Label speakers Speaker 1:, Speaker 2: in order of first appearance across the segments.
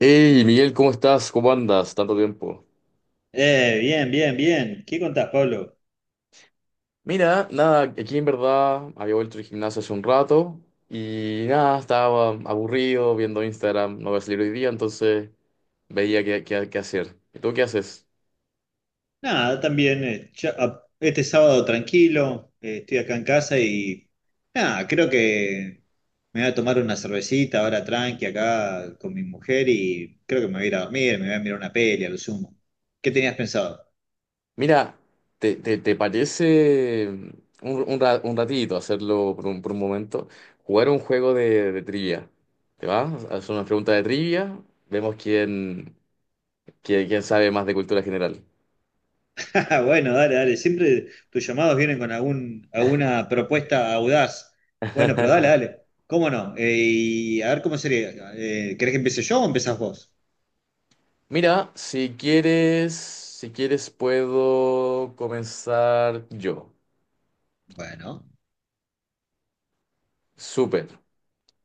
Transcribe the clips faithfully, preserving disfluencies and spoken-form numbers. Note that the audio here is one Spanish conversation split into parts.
Speaker 1: Hey, Miguel, ¿cómo estás? ¿Cómo andas? Tanto tiempo.
Speaker 2: Eh, bien, bien, bien. ¿Qué contás, Pablo?
Speaker 1: Mira, nada, aquí en verdad había vuelto del gimnasio hace un rato y nada, estaba aburrido viendo Instagram, no voy a salir hoy día, entonces veía qué, qué- qué hacer. ¿Y tú qué haces?
Speaker 2: Nada, también eh, ya- a- este sábado tranquilo, eh, estoy acá en casa y nada, creo que me voy a tomar una cervecita ahora tranqui acá con mi mujer y creo que me voy a ir a dormir, me voy a mirar una peli a lo sumo. ¿Qué tenías pensado?
Speaker 1: Mira, ¿te, te- te parece un, un ra- un ratito hacerlo por un, por un momento? Jugar un juego de, de trivia. ¿Te va? Hacer una pregunta de trivia, vemos quién, quién, quién sabe más de cultura general.
Speaker 2: Ah, bueno, dale, dale, siempre tus llamados vienen con algún, alguna propuesta audaz. Bueno, pero dale, dale. ¿Cómo no? Eh, y a ver cómo sería. Eh, ¿querés que empiece yo o empezás vos?
Speaker 1: Mira, si quieres, si quieres puedo comenzar yo.
Speaker 2: Bueno,
Speaker 1: Súper.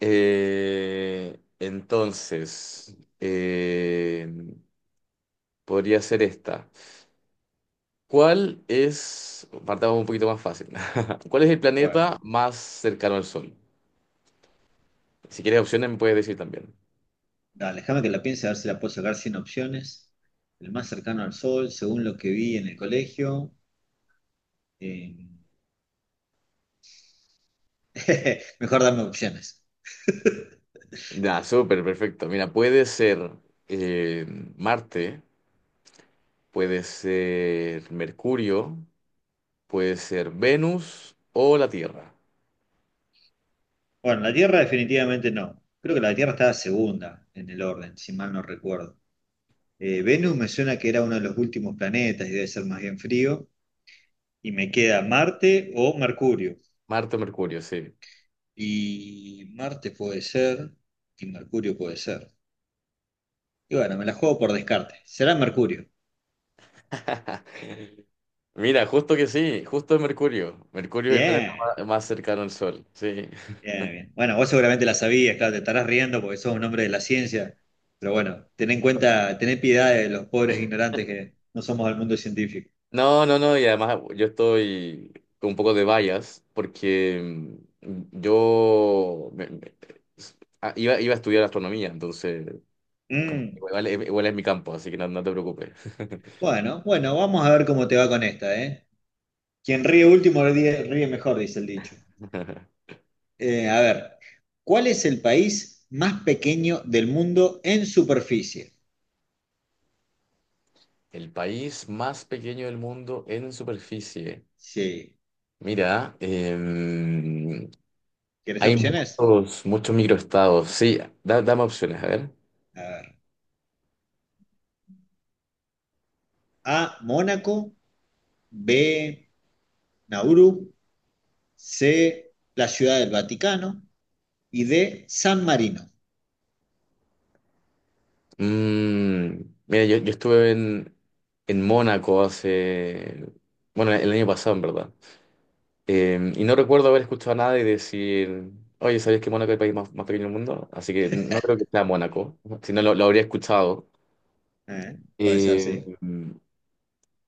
Speaker 1: Eh, entonces, eh, podría ser esta. ¿Cuál es, partamos un poquito más fácil. ¿Cuál es el
Speaker 2: bueno.
Speaker 1: planeta más cercano al Sol? Si quieres opciones me puedes decir también.
Speaker 2: Dale, déjame que la piense a ver si la puedo sacar sin opciones. El más cercano al Sol, según lo que vi en el colegio. eh, Mejor dame opciones.
Speaker 1: Ya, súper, perfecto. Mira, puede ser eh, Marte, puede ser Mercurio, puede ser Venus o la Tierra.
Speaker 2: Bueno, la Tierra definitivamente no. Creo que la Tierra estaba segunda en el orden, si mal no recuerdo. Eh, Venus me suena que era uno de los últimos planetas y debe ser más bien frío. Y me queda Marte o Mercurio.
Speaker 1: Marte o Mercurio, sí.
Speaker 2: Y Marte puede ser y Mercurio puede ser. Y bueno, me la juego por descarte. Será Mercurio.
Speaker 1: Mira, justo que sí, justo es Mercurio. Mercurio es el planeta
Speaker 2: Bien.
Speaker 1: ma- más cercano al Sol, sí.
Speaker 2: Bien, bien. Bueno, vos seguramente la sabías, claro, te estarás riendo porque sos un hombre de la ciencia, pero bueno, ten en cuenta, tened piedad de los pobres ignorantes que no somos del mundo científico.
Speaker 1: No, no, no, y además yo estoy con un poco de bias porque mm, yo me- me- s- ah, iba, iba a estudiar astronomía, entonces como que
Speaker 2: Mm,
Speaker 1: igual, es igual es mi campo, así que no, no te preocupes.
Speaker 2: bueno, bueno, vamos a ver cómo te va con esta, ¿eh? Quien ríe último ríe, ríe mejor, dice el dicho. Eh, a ver, ¿cuál es el país más pequeño del mundo en superficie?
Speaker 1: El país más pequeño del mundo en superficie.
Speaker 2: Sí,
Speaker 1: Mira, em,
Speaker 2: ¿quieres
Speaker 1: hay
Speaker 2: opciones?
Speaker 1: muchos, muchos microestados. Sí, da- dame opciones, a ver.
Speaker 2: A ver, A, Mónaco, B, Nauru, C, la Ciudad del Vaticano, y D, San Marino.
Speaker 1: Mm, mira, yo, yo estuve en, en Mónaco hace, bueno, el año pasado, en verdad. Eh, y no recuerdo haber escuchado a nadie decir, oye, ¿sabías que Mónaco es el país más, más pequeño del mundo? Así que no creo que sea Mónaco, si no lo, lo habría escuchado.
Speaker 2: Eh, puede ser, sí.
Speaker 1: Eh,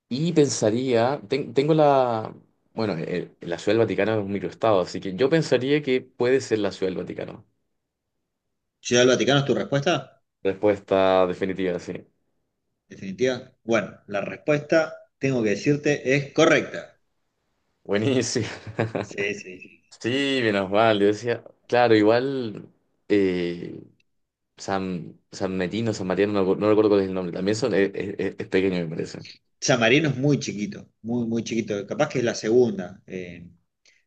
Speaker 1: y pensaría, ten- tengo la, bueno, el- la Ciudad del Vaticano es un microestado, así que yo pensaría que puede ser la Ciudad del Vaticano.
Speaker 2: Ciudad del Vaticano es tu respuesta,
Speaker 1: Respuesta definitiva, sí.
Speaker 2: definitiva. Bueno, la respuesta, tengo que decirte, es correcta.
Speaker 1: Buenísimo.
Speaker 2: Sí, sí, sí.
Speaker 1: Sí, menos mal. Yo decía, claro, igual eh, San, San Metino, San Mariano, no, no recuerdo cuál es el nombre. También son, es, es- es pequeño, me parece.
Speaker 2: San Marino es muy chiquito, muy, muy chiquito. Capaz que es la segunda, eh,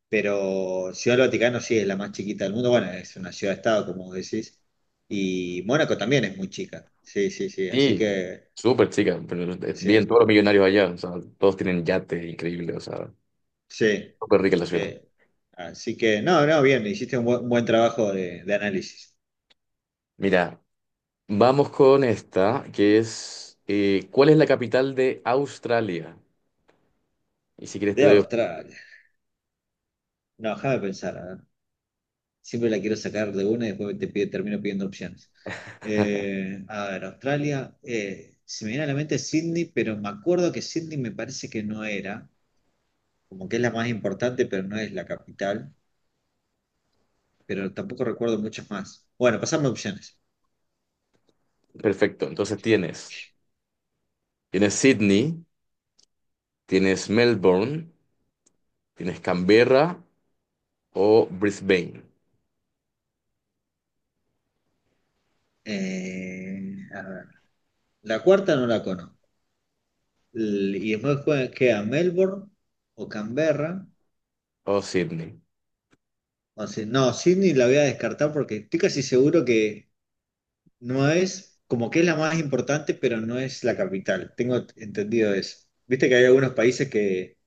Speaker 2: pero Ciudad del Vaticano sí es la más chiquita del mundo. Bueno, es una ciudad-estado, como vos decís. Y Mónaco también es muy chica. Sí, sí, sí. Así
Speaker 1: Sí,
Speaker 2: que,
Speaker 1: súper chica, pero no, es bien,
Speaker 2: sí,
Speaker 1: todos los millonarios allá, o sea, todos tienen yates increíbles, o sea,
Speaker 2: sí.
Speaker 1: súper rica la ciudad.
Speaker 2: Eh, Así que, no, no, bien, hiciste un buen, un buen trabajo de, de análisis.
Speaker 1: Mira, vamos con esta, que es, eh, ¿cuál es la capital de Australia? Y si quieres te
Speaker 2: De
Speaker 1: doy... op-
Speaker 2: Australia. No, déjame pensar. A ver. Siempre la quiero sacar de una y después te pide- termino pidiendo opciones. Eh, a ver, Australia. Eh, se me viene a la mente Sydney, pero me acuerdo que Sydney me parece que no era. Como que es la más importante, pero no es la capital. Pero tampoco recuerdo muchas más. Bueno, pasame opciones.
Speaker 1: Perfecto, entonces tienes, tienes Sydney, tienes Melbourne, tienes Canberra o Brisbane
Speaker 2: Eh, a ver. La cuarta no la conozco. L- Y después jue- queda Melbourne o Canberra.
Speaker 1: o Sydney.
Speaker 2: O sea, no, Sydney la voy a descartar porque estoy casi seguro que no es, como que es la más importante, pero no es la capital. Tengo entendido eso. Viste que hay algunos países que,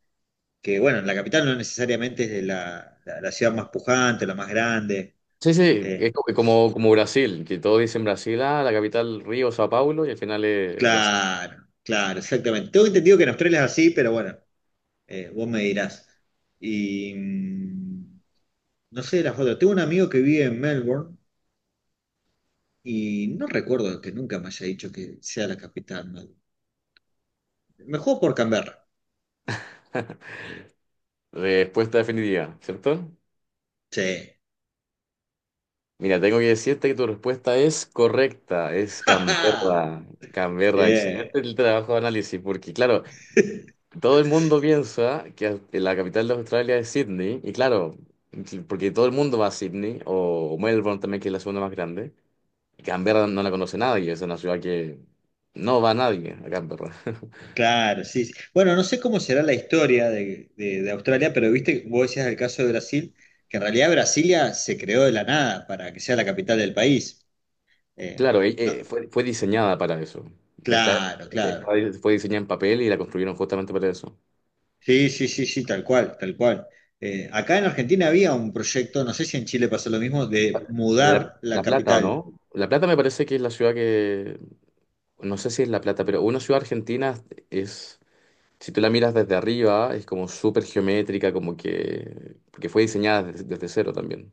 Speaker 2: que bueno, la capital no necesariamente es de la, la- la ciudad más pujante, la más grande.
Speaker 1: Sí, sí, es
Speaker 2: Eh,
Speaker 1: co- como, como Brasil, que todos dicen Brasil, ah, la capital Río, Sao Paulo, y al final es Brasil.
Speaker 2: claro, claro, exactamente. Tengo entendido que en Australia es así, pero bueno, eh, vos me dirás. Y mm, no sé de las otras. Tengo un amigo que vive en Melbourne y no recuerdo que nunca me haya dicho que sea la capital. Melbourne. Me juego por Canberra.
Speaker 1: Respuesta definitiva, ¿cierto?
Speaker 2: Sí.
Speaker 1: Mira, tengo que decirte que tu respuesta es correcta, es Canberra. Canberra,
Speaker 2: Bien.
Speaker 1: excelente el trabajo de análisis, porque claro, todo el mundo piensa que la capital de Australia es Sydney, y claro, porque todo el mundo va a Sydney, o Melbourne también, que es la segunda más grande. Canberra no la conoce nadie, es una ciudad que no va nadie a Canberra.
Speaker 2: Claro, sí, sí. Bueno, no sé cómo será la historia de, de- de Australia, pero viste, vos decías el caso de Brasil, que en realidad Brasilia se creó de la nada para que sea la capital del país. Eh,
Speaker 1: Claro, eh,
Speaker 2: no,
Speaker 1: eh, fue, fue diseñada para eso. Está-
Speaker 2: claro, claro.
Speaker 1: está- Fue diseñada en papel y la construyeron justamente para eso.
Speaker 2: Sí, sí, sí, sí, tal cual, tal cual. Eh, acá en Argentina había un proyecto, no sé si en Chile pasó lo mismo, de
Speaker 1: De La,
Speaker 2: mudar la
Speaker 1: La Plata, ¿o
Speaker 2: capital.
Speaker 1: no? La Plata me parece que es la ciudad que, no sé si es La Plata, pero una ciudad argentina es, si tú la miras desde arriba, es como súper geométrica, como que, porque fue diseñada desde, desde cero también.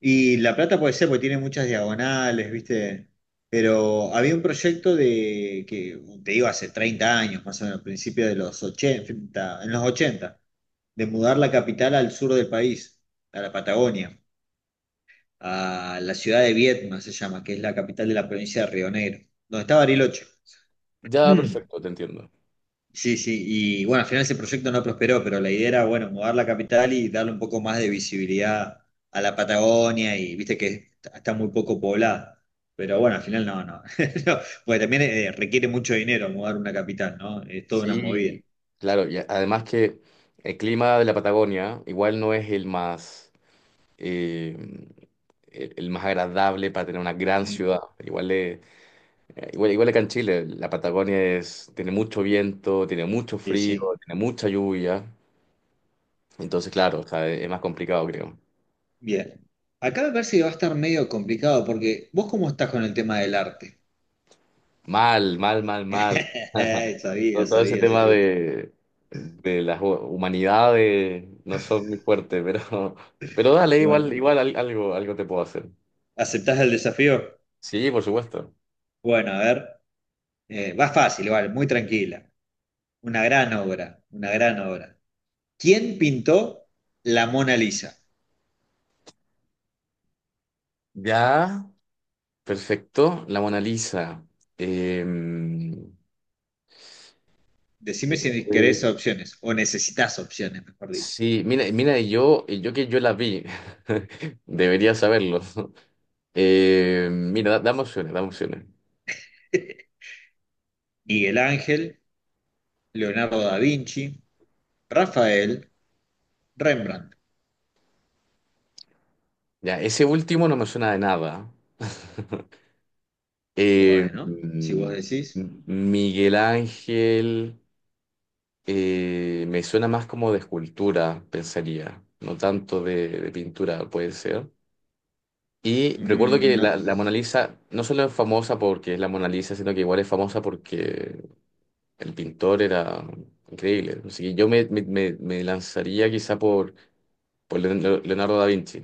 Speaker 2: Y La Plata puede ser porque tiene muchas diagonales, ¿viste? Pero había un proyecto de, que te digo, hace treinta años, más o menos, principio de los ochenta, en los ochenta, de mudar la capital al sur del país, a la Patagonia, a la ciudad de Viedma, se llama, que es la capital de la provincia de Río Negro, donde está Bariloche.
Speaker 1: Ya, perfecto, te entiendo.
Speaker 2: Sí, sí, y bueno, al final ese proyecto no prosperó, pero la idea era, bueno, mudar la capital y darle un poco más de visibilidad a la Patagonia y viste que está está muy poco poblada. Pero bueno, al final no, no. No, porque también eh, requiere mucho dinero mudar una capital, ¿no? Es toda una movida.
Speaker 1: Sí, claro, y a- además que el clima de la Patagonia igual no es el más, eh, el, el más agradable para tener una gran
Speaker 2: Mm,
Speaker 1: ciudad. Igual, le- eh, igual, igual que en Chile, la Patagonia es, tiene mucho viento, tiene mucho
Speaker 2: sí,
Speaker 1: frío,
Speaker 2: sí.
Speaker 1: tiene mucha lluvia. Entonces, claro, o sea, es más complicado, creo.
Speaker 2: Bien. Acá me parece que va a estar medio complicado porque vos cómo estás con el tema del arte.
Speaker 1: Mal, mal, mal, mal.
Speaker 2: Sabía,
Speaker 1: Todo todo ese
Speaker 2: sabía,
Speaker 1: tema
Speaker 2: sabía.
Speaker 1: de, de las hu- humanidades no son muy fuertes, pero, pero dale,
Speaker 2: Y bueno,
Speaker 1: igual, igual al- algo, algo te puedo hacer.
Speaker 2: ¿aceptás el desafío?
Speaker 1: Sí, por supuesto.
Speaker 2: Bueno, a ver. Eh, va fácil, vale, muy tranquila. Una gran obra, una gran obra. ¿Quién pintó la Mona Lisa?
Speaker 1: Ya, perfecto. La Mona Lisa. Em, eh,
Speaker 2: Decime si querés
Speaker 1: eh,
Speaker 2: opciones, o necesitas opciones, mejor dicho.
Speaker 1: sí, mira, mira, yo, yo que yo la vi, debería saberlo. Eh, mira, da- dame opciones, dame opciones.
Speaker 2: Miguel Ángel, Leonardo da Vinci, Rafael, Rembrandt.
Speaker 1: Ya, ese último no me suena de nada. Eh,
Speaker 2: Bueno, si vos
Speaker 1: mm,
Speaker 2: decís,
Speaker 1: Miguel Ángel eh, me suena más como de escultura, pensaría, no tanto de, de pintura, puede ser. Y recuerdo
Speaker 2: mm,
Speaker 1: que
Speaker 2: no.
Speaker 1: la, la Mona Lisa no solo es famosa porque es la Mona Lisa, sino que igual es famosa porque el pintor era increíble. Así que yo me, me- me- me lanzaría quizá por, por Leon- Leonardo da Vinci.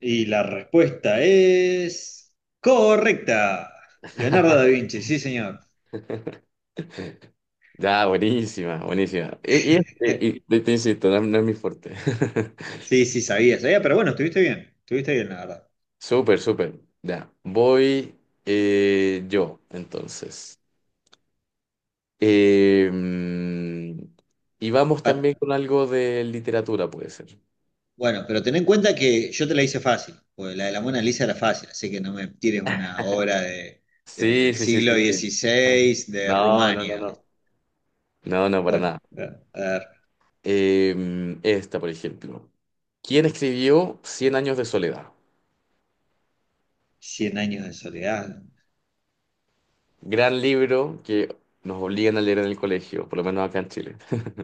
Speaker 2: Y la respuesta es correcta. Leonardo da Vinci, sí, señor.
Speaker 1: Ya, buenísima, buenísima. Y, y- y- y te, te insisto, no, no es mi fuerte.
Speaker 2: Sí, sí, sabía, sabía, pero bueno, estuviste bien, estuviste bien, la verdad.
Speaker 1: Súper, súper. Ya, voy eh, yo, entonces. Eh, mm, y vamos también
Speaker 2: Pa-
Speaker 1: con algo de literatura, puede ser.
Speaker 2: Bueno, pero ten en cuenta que yo te la hice fácil, porque la de la Mona Lisa era fácil, así que no me tires una obra de,
Speaker 1: Sí,
Speaker 2: del
Speaker 1: sí, sí,
Speaker 2: siglo
Speaker 1: sí, sí.
Speaker 2: dieciséis de
Speaker 1: No, no, no,
Speaker 2: Rumania.
Speaker 1: no.
Speaker 2: ¿Viste?
Speaker 1: No, no, para
Speaker 2: Bueno,
Speaker 1: nada.
Speaker 2: a ver,
Speaker 1: Eh, mm, esta, por ejemplo. ¿Quién escribió Cien años de soledad?
Speaker 2: cien años de soledad.
Speaker 1: Gran libro que nos obligan a leer en el colegio, por lo menos acá en Chile.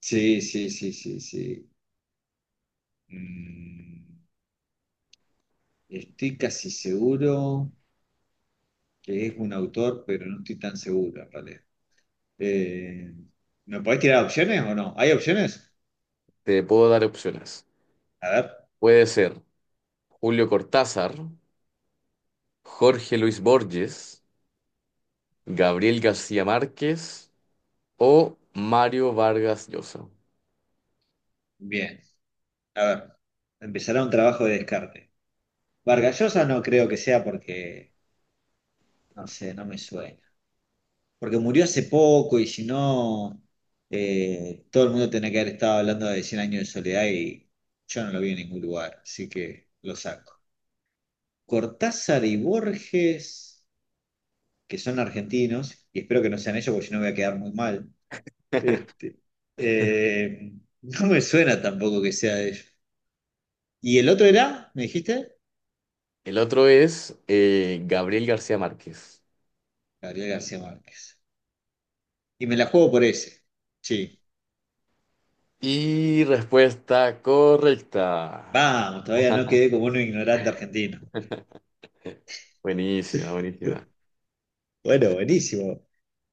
Speaker 2: Sí, sí, sí, sí, sí. Mm, Estoy casi seguro que es un autor, pero no estoy tan seguro en realidad. Eh, ¿Me podés tirar opciones o no? ¿Hay opciones?
Speaker 1: Te puedo dar opciones.
Speaker 2: A ver,
Speaker 1: Puede ser Julio Cortázar, Jorge Luis Borges, Gabriel García Márquez o Mario Vargas Llosa.
Speaker 2: bien, a ver, empezará un trabajo de descarte. Vargallosa no creo que sea porque, no sé, no me suena. Porque murió hace poco y si no, eh, todo el mundo tenía que haber estado hablando de cien años de soledad y yo no lo vi en ningún lugar, así que lo saco. Cortázar y Borges, que son argentinos, y espero que no sean ellos porque si no voy a quedar muy mal. Este, eh, no me suena tampoco que sea de ellos. ¿Y el otro era? ¿Me dijiste?
Speaker 1: El otro es eh, Gabriel García Márquez.
Speaker 2: Gabriel García Márquez. Y me la juego por ese. Sí.
Speaker 1: Y respuesta correcta.
Speaker 2: Vamos, todavía no quedé como un ignorante argentino.
Speaker 1: Buenísima, buenísima.
Speaker 2: Bueno, buenísimo.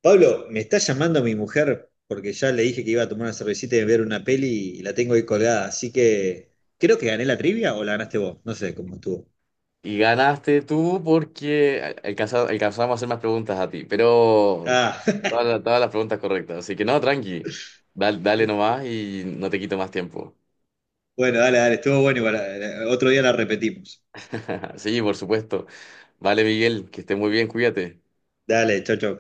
Speaker 2: Pablo, me está llamando mi mujer porque ya le dije que iba a tomar una cervecita y ver una peli y la tengo ahí colgada, así que creo que gané la trivia o la ganaste vos, no sé cómo estuvo.
Speaker 1: Y ganaste tú porque al- alcanza- alcanzamos a hacer más preguntas a ti, pero
Speaker 2: Ah,
Speaker 1: todas, las todas las preguntas correctas. Así que no, tranqui. Dal- Dale, nomás y no te quito más tiempo.
Speaker 2: bueno, dale, dale, estuvo bueno igual, eh, otro día la repetimos.
Speaker 1: Sí, por supuesto. Vale, Miguel, que estés muy bien, cuídate.
Speaker 2: Dale, chau, chau.